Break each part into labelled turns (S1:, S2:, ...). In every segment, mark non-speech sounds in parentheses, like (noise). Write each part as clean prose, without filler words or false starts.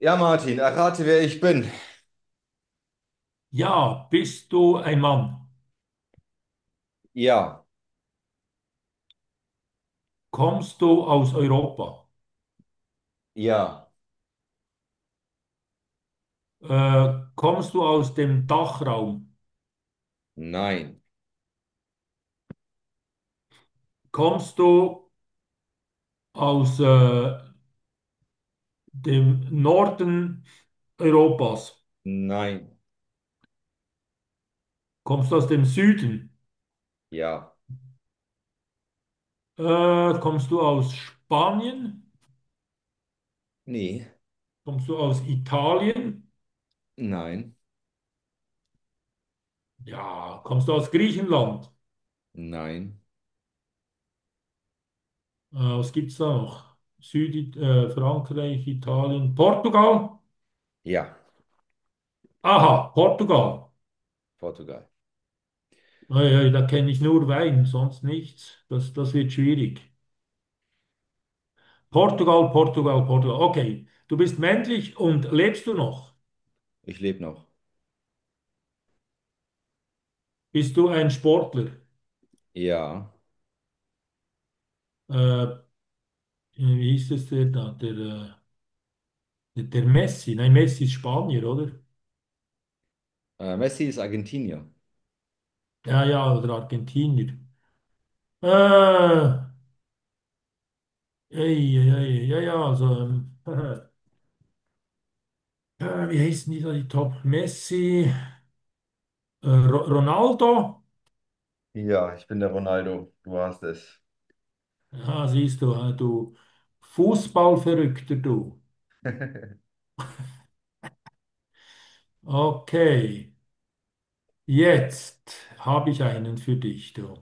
S1: Ja, Martin, errate, wer ich bin.
S2: Ja, bist du ein Mann?
S1: Ja,
S2: Kommst du aus Europa?
S1: ja,
S2: Kommst du aus dem Dachraum?
S1: nein,
S2: Kommst du aus dem Norden Europas?
S1: nein,
S2: Kommst du aus dem Süden?
S1: ja,
S2: Kommst du aus Spanien?
S1: nee,
S2: Kommst du aus Italien?
S1: nein,
S2: Ja, kommst du aus Griechenland?
S1: nein,
S2: Was gibt es da noch? Süd, Frankreich, Italien, Portugal?
S1: ja,
S2: Aha, Portugal.
S1: Portugal.
S2: Naja, da kenne ich nur Wein, sonst nichts. Das wird schwierig. Portugal, Portugal, Portugal. Okay, du bist männlich und lebst du noch?
S1: Ich lebe noch.
S2: Bist du ein Sportler?
S1: Ja,
S2: Äh, Wie hieß es der da? Der Messi. Nein, Messi ist Spanier, oder?
S1: Messi ist Argentinier.
S2: Ja, ja, oder Argentinier. Äh, ey, ey, ey, ja, ja, also, (laughs) wie heißen die da, die Top? Messi, Ronaldo?
S1: Ja, ich bin der Ronaldo. Du hast es.
S2: Ja, siehst du, du Fußballverrückter, du.
S1: (laughs)
S2: Okay, jetzt habe ich einen für dich, du.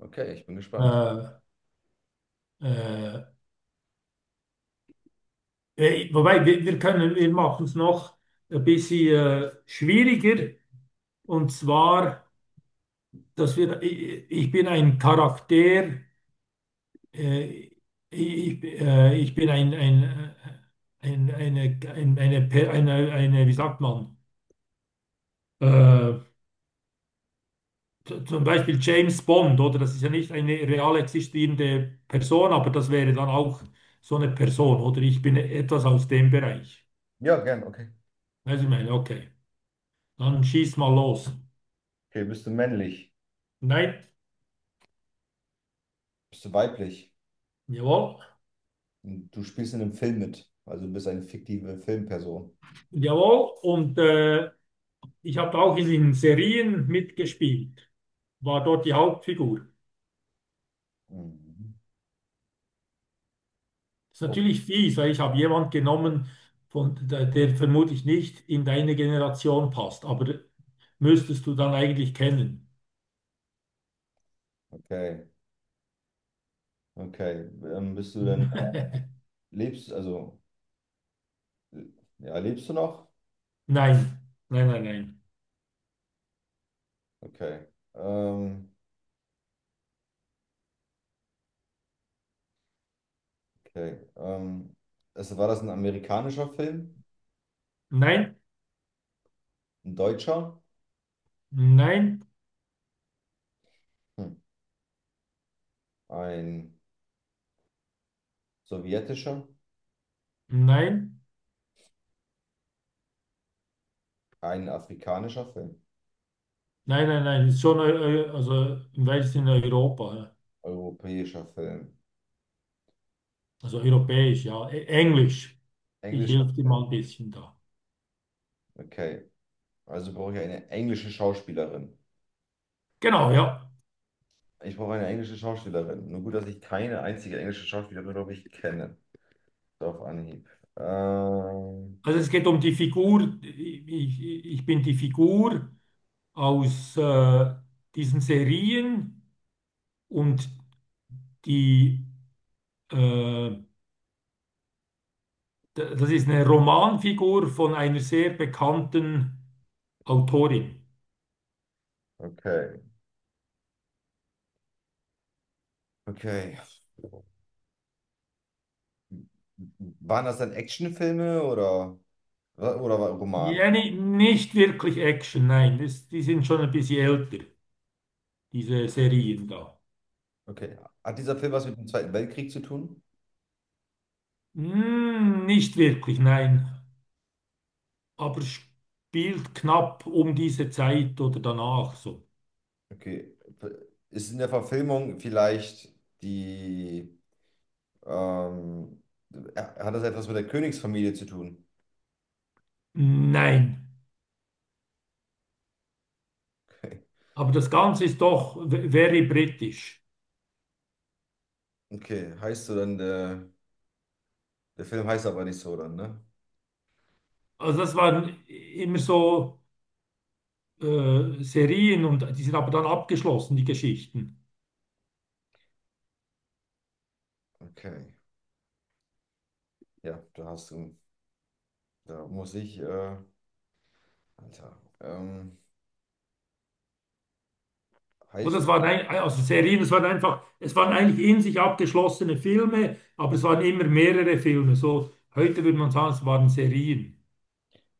S1: Okay, ich bin gespannt.
S2: Äh, äh, Wobei, wir können, wir machen es noch ein bisschen schwieriger. Und zwar, ich bin ein Charakter, äh, ich bin eine, wie sagt man? Äh, Zum Beispiel James Bond, oder? Das ist ja nicht eine real existierende Person, aber das wäre dann auch so eine Person, oder? Ich bin etwas aus dem Bereich.
S1: Ja, gern, okay.
S2: Also ich meine, okay, dann schieß mal los.
S1: Okay, bist du männlich?
S2: Nein,
S1: Bist du weiblich?
S2: jawohl,
S1: Und du spielst in einem Film mit. Also du bist eine fiktive Filmperson.
S2: jawohl. Und ich habe auch in den Serien mitgespielt, war dort die Hauptfigur.
S1: Mhm.
S2: Ist
S1: Oh,
S2: natürlich fies, weil ich habe jemand genommen, von, der vermutlich nicht in deine Generation passt, aber müsstest du dann eigentlich kennen.
S1: okay, okay. Bist du denn,
S2: (laughs)
S1: lebst, also ja, lebst du noch?
S2: Nein, nein, nein, nein.
S1: Okay. Ähm, okay. War das ein amerikanischer Film?
S2: Nein,
S1: Ein deutscher?
S2: nein,
S1: Hm. Ein sowjetischer?
S2: nein,
S1: Ein afrikanischer Film?
S2: nein, nein, nein. Ist schon, also im weitesten Sinne Europa, ja.
S1: Europäischer Film?
S2: Also europäisch, ja. Englisch. Ich
S1: Englischer?
S2: helfe dir mal ein bisschen da.
S1: Okay. Also brauche ich eine englische Schauspielerin.
S2: Genau, ja.
S1: Ich brauche eine englische Schauspielerin. Nur gut, dass ich keine einzige englische Schauspielerin, glaube ich, kenne. So auf Anhieb. Ähm,
S2: Also es geht um die Figur. Ich bin die Figur aus diesen Serien und die, äh, das ist eine Romanfigur von einer sehr bekannten Autorin.
S1: okay. Okay. Waren das dann Actionfilme oder? Oder war Roman?
S2: Ja, nicht wirklich Action, nein. Das, die sind schon ein bisschen älter, diese Serien da.
S1: Okay. Hat dieser Film was mit dem Zweiten Weltkrieg zu tun?
S2: Hm, nicht wirklich, nein. Aber spielt knapp um diese Zeit oder danach so.
S1: Okay. Ist in der Verfilmung vielleicht die, ähm, ja, hat das etwas mit der Königsfamilie zu tun?
S2: Nein.
S1: (laughs) Okay.
S2: Aber das Ganze ist doch very britisch.
S1: Okay, heißt so dann, der, der Film heißt aber nicht so dann, ne?
S2: Also das waren immer so Serien und die sind aber dann abgeschlossen, die Geschichten.
S1: Okay. Ja, da hast du, da muss ich, Alter.
S2: Oder das
S1: Heißt,
S2: waren ein, also Serien, es waren einfach, es waren eigentlich in sich abgeschlossene Filme, aber es waren immer mehrere Filme. So, heute würde man sagen, es waren Serien.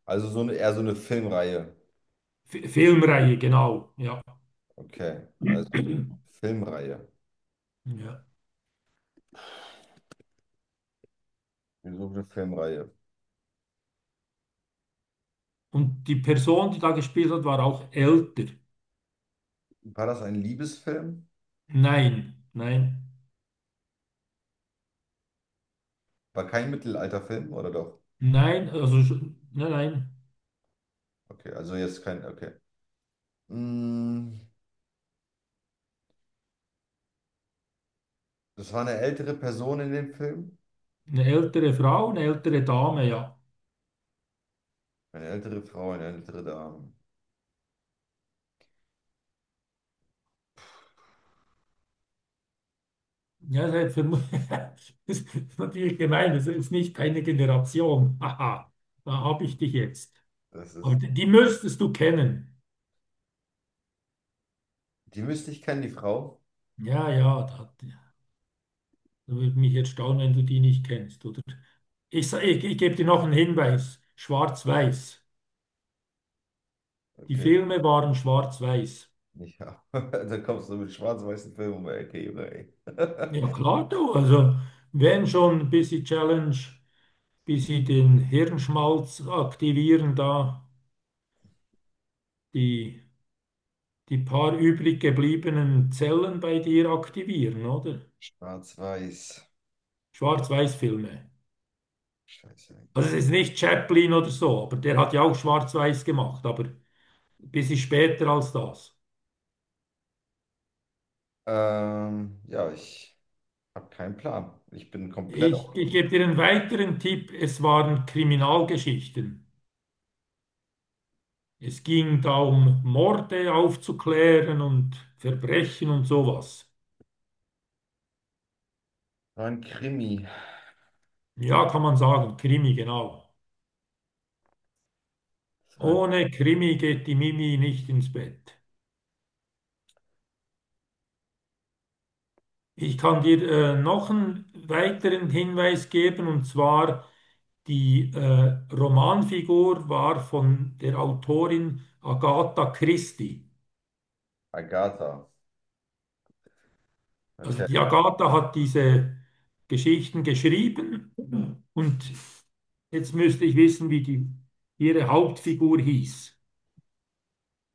S1: Also so eine, eher so eine Filmreihe.
S2: F Filmreihe, genau. Ja.
S1: Okay, also
S2: (clears throat)
S1: Filmreihe.
S2: Ja.
S1: Wir suchen eine Filmreihe.
S2: Und die Person, die da gespielt hat, war auch älter.
S1: War das ein Liebesfilm?
S2: Nein, nein,
S1: War kein Mittelalterfilm, oder doch?
S2: nein, nein, nein.
S1: Okay, also jetzt kein, okay. Mm, das war eine ältere Person in dem Film.
S2: Eine ältere Frau, eine ältere Dame, ja.
S1: Eine ältere Frau, eine ältere Dame.
S2: Ja, (laughs) das ist natürlich gemein, das ist nicht eine Generation. (laughs) Haha, da habe ich dich jetzt.
S1: Das
S2: Aber
S1: ist,
S2: die die müsstest du kennen.
S1: die müsste ich kennen, die Frau.
S2: Ja, ja, da, da würde mich jetzt staunen, wenn du die nicht kennst, oder? Ich gebe dir noch einen Hinweis. Schwarz-Weiß. Die
S1: Okay,
S2: Filme waren schwarz-weiß.
S1: nicht, ja. (laughs) Da kommst du mit schwarz-weißen Filmen um die Ecke, Junge, ey. (laughs)
S2: Ja, klar, du. Also, wenn schon ein bisschen Challenge, bisschen den Hirnschmalz aktivieren, da die, die paar übrig gebliebenen Zellen bei dir aktivieren, oder?
S1: Schwarz-weiß.
S2: Schwarz-Weiß-Filme.
S1: Scheiße.
S2: Also, es ist nicht Chaplin oder so, aber der hat ja auch schwarz-weiß gemacht, aber bisschen später als das.
S1: Ja, ich habe keinen Plan. Ich bin komplett auf.
S2: Ich gebe dir einen weiteren Tipp. Es waren Kriminalgeschichten. Es ging da um Morde aufzuklären und Verbrechen und sowas.
S1: Das war ein Krimi.
S2: Ja, kann man sagen, Krimi, genau.
S1: Das war ein
S2: Ohne Krimi geht die Mimi nicht ins Bett. Ich kann dir noch einen weiteren Hinweis geben, und zwar die Romanfigur war von der Autorin Agatha Christie.
S1: Agatha.
S2: Also
S1: Okay,
S2: die Agatha hat diese Geschichten geschrieben und jetzt müsste ich wissen, wie ihre Hauptfigur hieß.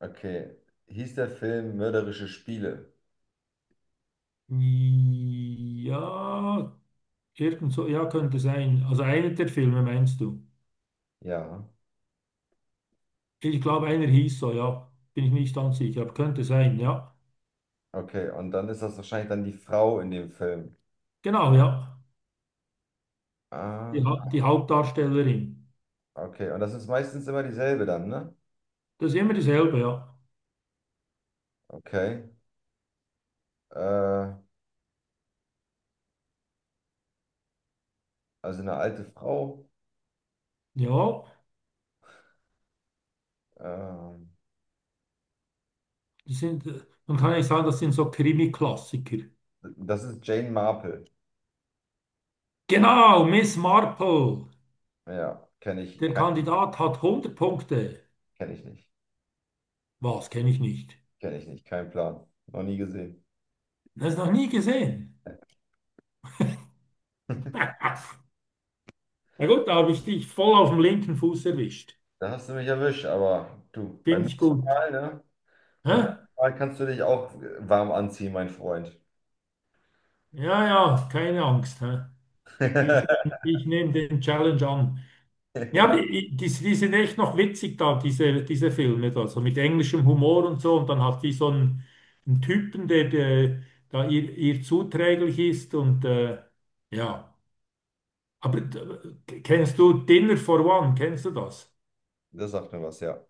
S1: okay. Hieß der Film Mörderische Spiele?
S2: Ja, irgend so, ja, könnte sein. Also einer der Filme meinst du?
S1: Ja.
S2: Ich glaube, einer hieß so, ja. Bin ich nicht ganz sicher, aber könnte sein, ja.
S1: Okay, und dann ist das wahrscheinlich dann die Frau in dem Film.
S2: Genau, ja.
S1: Aha,
S2: Die Hauptdarstellerin.
S1: okay. Und das ist meistens immer dieselbe dann, ne?
S2: Das ist immer dasselbe, ja.
S1: Okay. Äh, also eine alte Frau.
S2: Ja,
S1: Ähm,
S2: das sind, man kann ja sagen, das sind so Krimi-Klassiker.
S1: das ist Jane Marple.
S2: Genau, Miss Marple.
S1: Ja, kenne ich,
S2: Der
S1: kein,
S2: Kandidat hat 100 Punkte.
S1: kenne ich nicht.
S2: Was kenne ich nicht?
S1: Kenne ich nicht, kein Plan. Noch nie gesehen.
S2: Das noch nie gesehen. (laughs)
S1: (laughs)
S2: Na gut, da habe ich dich voll auf dem linken Fuß erwischt.
S1: Da hast du mich erwischt, aber du, beim
S2: Finde ich
S1: nächsten
S2: gut.
S1: Mal, ne? Beim
S2: Hä?
S1: nächsten Mal kannst du dich auch warm anziehen, mein Freund.
S2: Ja, ja, keine Angst. Hä? Ich nehme
S1: (laughs)
S2: ich nehm den Challenge an. Ja, aber die, die sind echt noch witzig da, diese, diese Filme da, so mit englischem Humor und so. Und dann hat die so einen, einen Typen, der da ihr zuträglich ist und ja. Aber kennst du Dinner for One? Kennst du das?
S1: Das sagt mir was, ja.